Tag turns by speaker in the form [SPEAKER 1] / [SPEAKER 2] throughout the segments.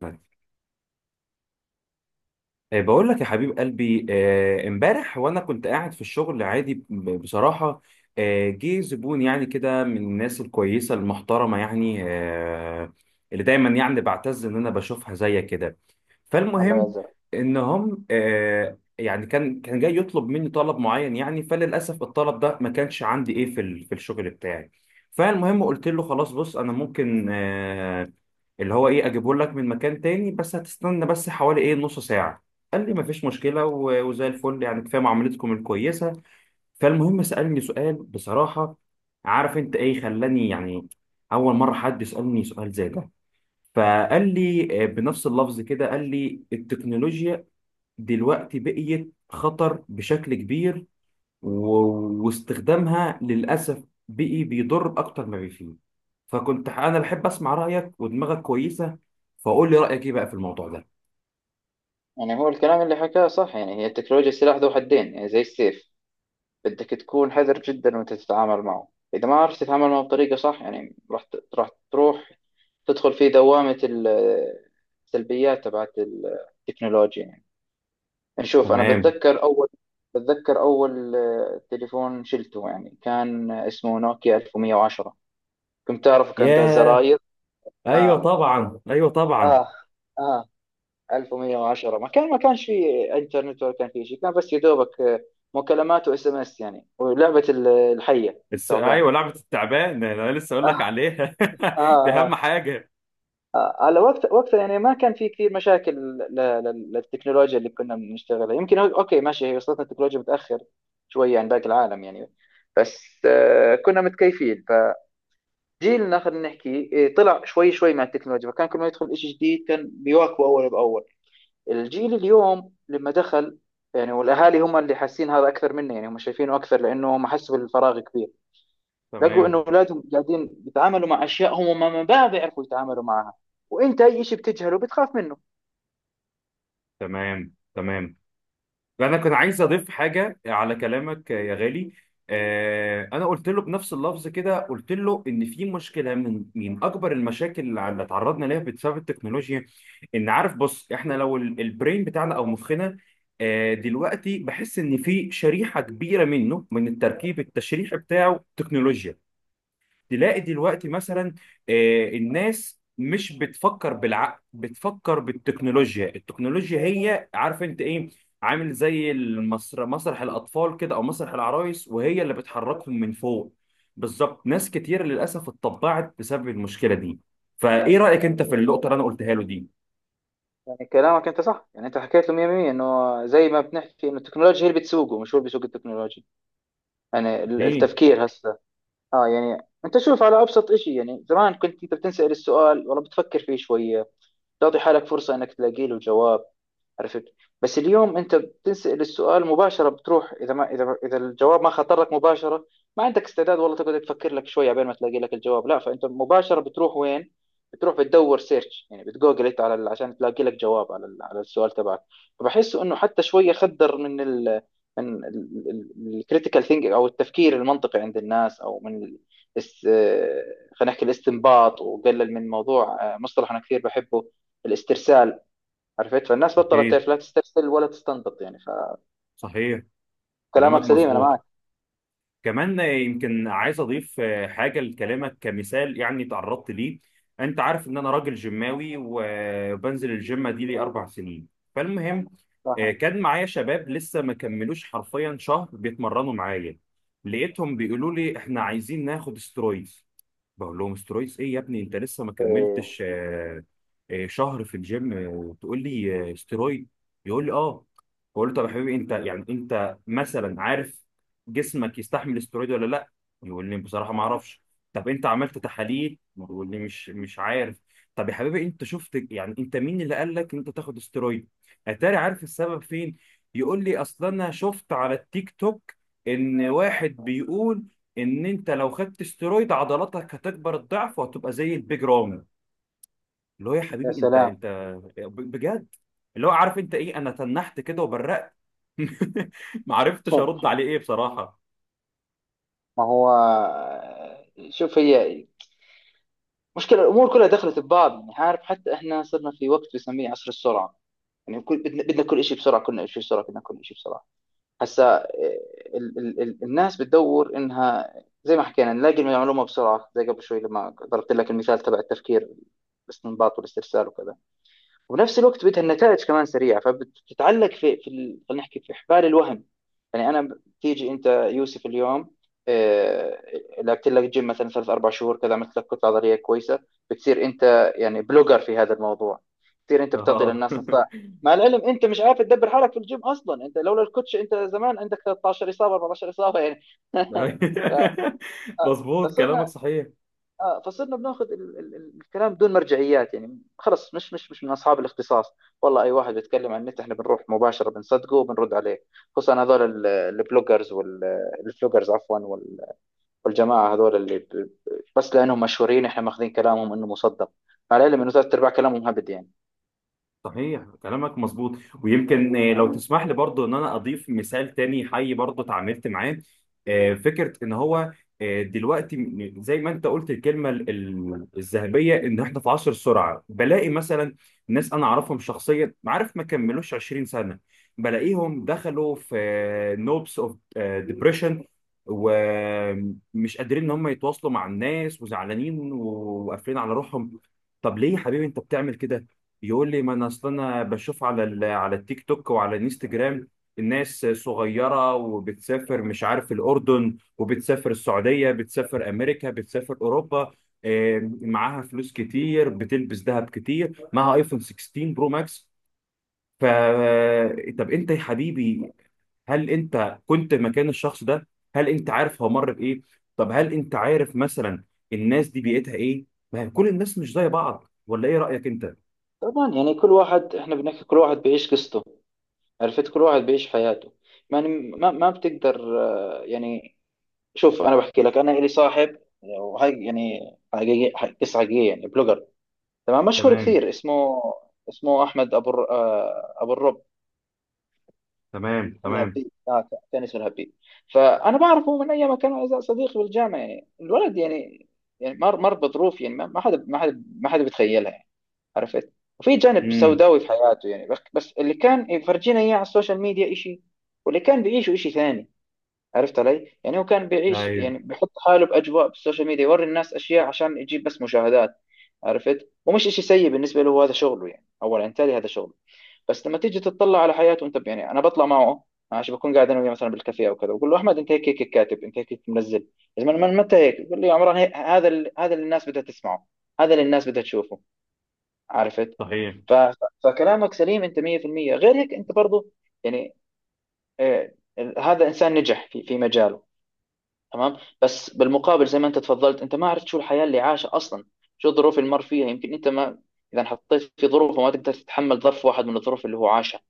[SPEAKER 1] باي. بقول لك يا حبيب قلبي، امبارح وانا كنت قاعد في الشغل عادي، بصراحة جه زبون، يعني كده من الناس الكويسة المحترمة، يعني اللي دايما يعني بعتز ان انا بشوفها زي كده.
[SPEAKER 2] الله
[SPEAKER 1] فالمهم
[SPEAKER 2] يعذر.
[SPEAKER 1] ان هم، يعني كان جاي يطلب مني طلب معين، يعني فللاسف الطلب ده ما كانش عندي ايه في الشغل بتاعي. فالمهم قلت له خلاص بص، انا ممكن اللي هو ايه اجيبه لك من مكان تاني، بس هتستنى بس حوالي ايه نص ساعة. قال لي مفيش مشكلة، وزي الفل، يعني كفاية معاملتكم الكويسة. فالمهم سألني سؤال بصراحة، عارف انت ايه خلاني يعني أول مرة حد يسألني سؤال زي ده؟ فقال لي بنفس اللفظ كده، قال لي التكنولوجيا دلوقتي بقيت خطر بشكل كبير، واستخدامها للأسف بقي بيضر أكتر ما بيفيد. أنا بحب أسمع رأيك، ودماغك كويسة، فقول لي رأيك ايه بقى في الموضوع ده؟
[SPEAKER 2] يعني هو الكلام اللي حكاه صح، يعني هي التكنولوجيا سلاح ذو حدين، يعني زي السيف. بدك تكون حذر جدا وانت تتعامل معه. اذا ما عرفت تتعامل معه بطريقه صح، يعني راح تروح تدخل في دوامه السلبيات تبعت التكنولوجيا، يعني. نشوف، انا
[SPEAKER 1] تمام.
[SPEAKER 2] بتذكر اول تليفون شلته، يعني كان اسمه نوكيا 1110. كنت تعرف، كان ذا
[SPEAKER 1] ياه.
[SPEAKER 2] زراير.
[SPEAKER 1] ايوه
[SPEAKER 2] اه،
[SPEAKER 1] طبعا، ايوه طبعا.
[SPEAKER 2] اه، اه. 1110 ما كانش في انترنت، ولا كان في شيء. كان بس يا دوبك، مكالمات واس ام اس، يعني، ولعبه الحيه، ثعبان.
[SPEAKER 1] ايوه، لعبه التعبان، انا لسه اقول لك
[SPEAKER 2] آه،
[SPEAKER 1] عليها.
[SPEAKER 2] آه،
[SPEAKER 1] دي اهم
[SPEAKER 2] آه،
[SPEAKER 1] حاجه.
[SPEAKER 2] آه. على وقتها، يعني ما كان في كثير مشاكل للتكنولوجيا اللي كنا بنشتغلها. يمكن اوكي ماشي، هي وصلتنا التكنولوجيا متاخر شوي عن باقي العالم، يعني. بس كنا متكيفين. فجيلنا، خلينا نحكي، طلع شوي شوي مع التكنولوجيا، فكان كل ما يدخل شيء جديد كان بيواكبه اول باول. الجيل اليوم لما دخل، يعني، والاهالي هم اللي حاسين هذا اكثر منه، يعني هم شايفينه اكثر، لانه هم حسوا بالفراغ كبير. لقوا انه
[SPEAKER 1] تمام.
[SPEAKER 2] اولادهم قاعدين بيتعاملوا مع اشياء هم ما بيعرفوا يتعاملوا معها، وانت اي شيء بتجهله بتخاف منه.
[SPEAKER 1] تمام تمام. انا كنت عايز اضيف حاجه على كلامك يا غالي. آه، انا قلت له بنفس اللفظ كده، قلت له ان في مشكله، من اكبر المشاكل اللي اتعرضنا ليها بسبب التكنولوجيا، ان عارف بص، احنا لو البرين بتاعنا او مخنا دلوقتي بحس ان في شريحه كبيره منه من التركيب التشريح بتاعه تكنولوجيا. تلاقي دلوقتي مثلا الناس مش بتفكر بالعقل، بتفكر بالتكنولوجيا. التكنولوجيا هي، عارف انت ايه، عامل زي مسرح الاطفال كده، او مسرح العرايس، وهي اللي بتحركهم من فوق. بالظبط، ناس كتير للاسف اتطبعت بسبب المشكله دي. فايه رايك انت في النقطه اللي انا قلتها له دي؟
[SPEAKER 2] يعني كلامك انت صح، يعني انت حكيت له 100%. انه زي ما بنحكي، انه التكنولوجيا هي اللي بتسوقه، مش هو اللي بيسوق التكنولوجيا. يعني
[SPEAKER 1] ايه.
[SPEAKER 2] التفكير هسه. اه، يعني، انت شوف على ابسط شيء. يعني زمان كنت انت بتنسال السؤال، والله بتفكر فيه شويه، تعطي حالك فرصه انك تلاقي له جواب. عرفت؟ بس اليوم انت بتنسأل السؤال مباشره بتروح. اذا الجواب ما خطر لك مباشره، ما عندك استعداد والله تقعد تفكر لك شويه عبين ما تلاقي لك الجواب. لا، فانت مباشره بتروح وين؟ بتروح بتدور سيرش، يعني بتجوجل انت على عشان تلاقي لك جواب على على السؤال تبعك. فبحس انه حتى شويه خدر من الكريتيكال ثينك، او التفكير المنطقي عند الناس، او من ال- الس- آه، خلينا نحكي الاستنباط، وقلل من موضوع، مصطلح انا كثير بحبه، الاسترسال. عرفت؟ فالناس بطلت
[SPEAKER 1] اكيد.
[SPEAKER 2] تعرف لا تسترسل ولا تستنبط، يعني.
[SPEAKER 1] صحيح، كلامك
[SPEAKER 2] فكلامك سليم، انا
[SPEAKER 1] مظبوط.
[SPEAKER 2] معك.
[SPEAKER 1] كمان يمكن عايز اضيف حاجه لكلامك، كمثال يعني تعرضت ليه. انت عارف ان انا راجل جماوي، وبنزل الجيم دي لي اربع سنين. فالمهم
[SPEAKER 2] صح.
[SPEAKER 1] كان معايا شباب لسه ما كملوش حرفيا شهر بيتمرنوا معايا، لقيتهم بيقولوا لي احنا عايزين ناخد استرويد. بقول لهم استرويس ايه يا ابني؟ انت لسه ما
[SPEAKER 2] إيه.
[SPEAKER 1] كملتش شهر في الجيم وتقول لي استرويد؟ يقول لي اه. بقول له طب يا حبيبي انت، يعني انت مثلا عارف جسمك يستحمل استرويد ولا لا؟ يقول لي بصراحه ما اعرفش. طب انت عملت تحاليل؟ يقول لي مش عارف. طب يا حبيبي انت شفت، يعني انت مين اللي قال لك ان انت تاخد استرويد؟ اتاري عارف السبب فين؟ يقول لي اصل انا شفت على التيك توك ان واحد بيقول ان انت لو خدت استرويد عضلاتك هتكبر الضعف، وهتبقى زي البيج رامي. اللي هو يا
[SPEAKER 2] يا
[SPEAKER 1] حبيبي انت
[SPEAKER 2] سلام.
[SPEAKER 1] انت بجد، اللي هو عارف انت ايه، انا تنحت كده وبرقت. ما عرفتش ارد عليه ايه بصراحة.
[SPEAKER 2] ما هو، شوف، هي مشكلة الأمور كلها دخلت ببعض. يعني عارف، حتى إحنا صرنا في وقت بنسميه عصر السرعة. يعني كل بدنا كل شيء بسرعة، كلنا شيء بسرعة، بدنا كل شيء بسرعة. هسا إيه، ال ال ال الناس بتدور إنها، زي ما حكينا، نلاقي المعلومة بسرعة، زي قبل شوي لما ضربت لك المثال تبع التفكير، الاستنباط والاسترسال وكذا. وبنفس الوقت بدها النتائج كمان سريعه، فبتتعلق في خلينا نحكي في حبال الوهم. يعني انا بتيجي انت، يوسف، اليوم، آه، لعبت لك جيم مثلا ثلاث اربع شهور كذا، عملت لك كتله عضليه كويسه، بتصير انت يعني بلوجر في هذا الموضوع، بتصير انت بتعطي
[SPEAKER 1] اه.
[SPEAKER 2] للناس نصائح. مع العلم انت مش عارف تدبر حالك في الجيم اصلا. انت لولا الكوتش، انت زمان عندك 13 اصابه، 14 اصابه، يعني.
[SPEAKER 1] مظبوط، كلامك
[SPEAKER 2] فصرنا
[SPEAKER 1] صحيح.
[SPEAKER 2] فصرنا بناخذ الكلام بدون مرجعيات، يعني. خلص مش من اصحاب الاختصاص. والله اي واحد بيتكلم عن النت، احنا بنروح مباشره بنصدقه وبنرد عليه، خصوصا هذول البلوجرز والفلوجرز، عفوا، والجماعه هذول بس لانهم مشهورين احنا ماخذين كلامهم انه مصدق، على العلم انه ثلاث ارباع كلامهم هبد، يعني.
[SPEAKER 1] صحيح، كلامك مظبوط. ويمكن لو تسمح لي برضو ان انا اضيف مثال تاني حي برضو اتعاملت معاه. فكرة ان هو دلوقتي زي ما انت قلت الكلمة الذهبية، ان احنا في عصر السرعة، بلاقي مثلا ناس انا اعرفهم شخصيا، عارف، ما كملوش 20 سنة، بلاقيهم دخلوا في نوبس اوف ديبريشن، ومش قادرين ان هم يتواصلوا مع الناس، وزعلانين وقافلين على روحهم. طب ليه يا حبيبي انت بتعمل كده؟ يقول لي ما انا اصل انا بشوف على التيك توك وعلى الانستجرام، الناس صغيره وبتسافر، مش عارف، الاردن، وبتسافر السعوديه، بتسافر امريكا، بتسافر اوروبا، معاها فلوس كتير، بتلبس ذهب كتير، معاها ايفون 16 برو ماكس. ف طب انت يا حبيبي، هل انت كنت مكان الشخص ده؟ هل انت عارف هو مر بايه؟ طب هل انت عارف مثلا الناس دي بيئتها ايه؟ ما هي كل الناس مش زي بعض، ولا ايه رايك انت؟
[SPEAKER 2] طبعا، يعني كل واحد احنا بنحكي، كل واحد بيعيش قصته. عرفت؟ كل واحد بيعيش حياته. يعني ما بتقدر يعني، شوف، انا بحكي لك، انا لي صاحب، وهي يعني، قصه حقيقيه، يعني بلوجر، تمام، مشهور
[SPEAKER 1] تمام.
[SPEAKER 2] كثير، اسمه احمد ابو الرب،
[SPEAKER 1] تمام تمام.
[SPEAKER 2] الهبي. كان اسمه الهبي. فانا بعرفه من ايام ما كان صديقي بالجامعه، يعني الولد يعني، يعني مر بظروف، يعني ما حدا بيتخيلها، يعني. عرفت؟ وفي جانب
[SPEAKER 1] امم
[SPEAKER 2] سوداوي في حياته، يعني، بس اللي كان يفرجينا اياه على السوشيال ميديا شيء، واللي كان بيعيشه شيء ثاني. عرفت علي؟ يعني هو كان بيعيش،
[SPEAKER 1] ايوه.
[SPEAKER 2] يعني بيحط حاله بأجواء بالسوشيال ميديا، يوري الناس أشياء عشان يجيب بس مشاهدات. عرفت؟ ومش إشي سيء بالنسبة له، هذا شغله يعني، أولا يعني تالي هذا شغله. بس لما تيجي تطلع على حياته أنت يعني، أنا بطلع معه ماشي، بكون قاعد أنا وياه مثلا بالكافيه أو كذا، بقول له أحمد، أنت هيك هيك كاتب، أنت هيك هيك منزل. يا زلمة من متى هيك؟ بقول لي يا عمران، هيك، هذا اللي الناس بدها تسمعه، هذا اللي الناس بدها تشوفه. عرفت؟
[SPEAKER 1] صحيح.
[SPEAKER 2] ف... ف- فكلامك سليم أنت 100%. غير هيك أنت برضه، يعني، آه، هذا إنسان نجح في مجاله. تمام، بس بالمقابل زي ما انت تفضلت، انت ما عرفت شو الحياه اللي عاشها اصلا، شو الظروف اللي مر فيها. يمكن انت ما، اذا حطيت في ظروفه، ما تقدر تتحمل ظرف واحد من الظروف اللي هو عاشها.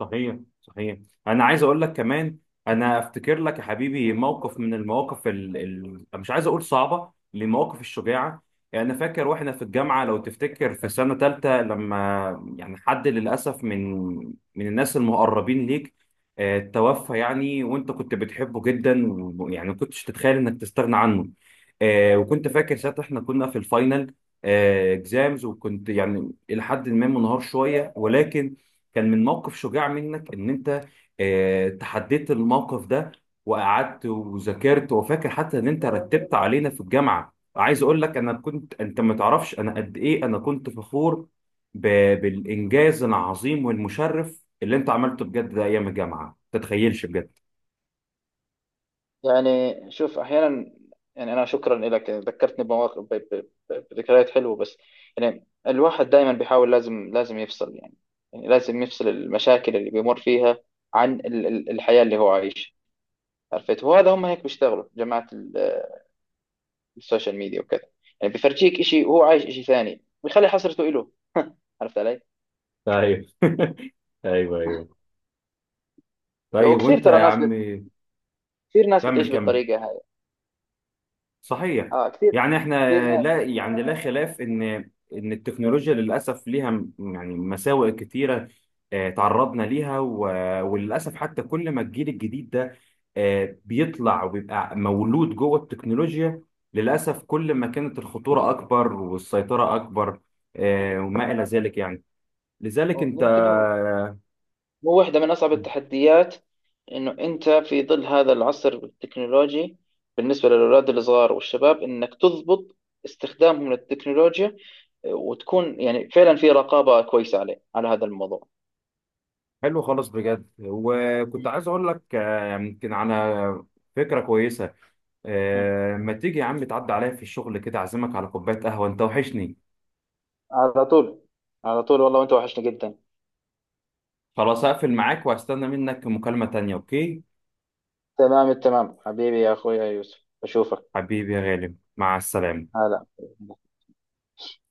[SPEAKER 1] صحيح صحيح. انا عايز اقول لك كمان، انا افتكر لك يا حبيبي موقف من المواقف مش عايز اقول صعبه، لمواقف الشجاعه. يعني انا فاكر واحنا في الجامعه، لو تفتكر في سنه ثالثه، لما يعني حد للاسف من الناس المقربين ليك توفى، يعني وانت كنت بتحبه جدا، ويعني ما كنتش تتخيل انك تستغنى عنه. وكنت فاكر ساعتها احنا كنا في الفاينل اكزامز، وكنت يعني الى حد ما منهار شويه، ولكن كان من موقف شجاع منك ان انت تحديت الموقف ده، وقعدت وذاكرت. وفاكر حتى ان انت رتبت علينا في الجامعه. عايز اقول لك، انا كنت، انت ما تعرفش انا قد ايه انا كنت فخور ب... بالانجاز العظيم والمشرف اللي انت عملته بجد ده ايام الجامعه. ما تتخيلش بجد.
[SPEAKER 2] يعني شوف، احيانا، يعني، انا شكرا لك ذكرتني بمواقف، بذكريات حلوه. بس يعني الواحد دائما بيحاول لازم لازم يفصل، يعني، يعني لازم يفصل المشاكل اللي بيمر فيها عن الحياه اللي هو عايشها. عرفت؟ وهذا هم هيك بيشتغلوا، جماعه السوشيال ميديا وكذا. يعني بيفرجيك شيء وهو عايش شيء ثاني، ويخلي حسرته له. عرفت علي؟
[SPEAKER 1] ايوه. ايوه ايوه. طيب
[SPEAKER 2] وكثير
[SPEAKER 1] وانت
[SPEAKER 2] ترى
[SPEAKER 1] يا
[SPEAKER 2] ناس
[SPEAKER 1] عم.
[SPEAKER 2] بت... كثير ناس
[SPEAKER 1] كمل
[SPEAKER 2] بتعيش
[SPEAKER 1] كمل.
[SPEAKER 2] بالطريقة هاي.
[SPEAKER 1] صحيح.
[SPEAKER 2] اه، كثير.
[SPEAKER 1] يعني احنا،
[SPEAKER 2] كثير ناس
[SPEAKER 1] لا يعني، لا
[SPEAKER 2] بت-
[SPEAKER 1] خلاف ان ان التكنولوجيا للاسف ليها يعني مساوئ كتيره تعرضنا ليها، وللاسف حتى كل ما الجيل الجديد ده بيطلع وبيبقى مولود جوه التكنولوجيا، للاسف كل ما كانت الخطوره اكبر والسيطره اكبر وما الى ذلك يعني. لذلك انت،
[SPEAKER 2] يمكن هو واحدة من أصعب التحديات، إنه أنت في ظل هذا العصر التكنولوجي، بالنسبة للأولاد الصغار والشباب، إنك تضبط استخدامهم للتكنولوجيا، وتكون يعني فعلا في رقابة كويسة عليه، على هذا الموضوع.
[SPEAKER 1] حلو خالص بجد. وكنت
[SPEAKER 2] مم.
[SPEAKER 1] عايز اقول لك يمكن على فكره كويسه
[SPEAKER 2] مم.
[SPEAKER 1] ما تيجي يا عم تعدي عليا في الشغل كده، اعزمك على كوباية قهوة، انت وحشني.
[SPEAKER 2] على طول. على طول والله، وأنت وحشني جدا.
[SPEAKER 1] خلاص، هقفل معاك وهستنى منك مكالمة تانية، اوكي؟
[SPEAKER 2] تمام التمام، حبيبي يا أخويا يوسف، أشوفك.
[SPEAKER 1] حبيبي يا غالي، مع السلامة.
[SPEAKER 2] هلا.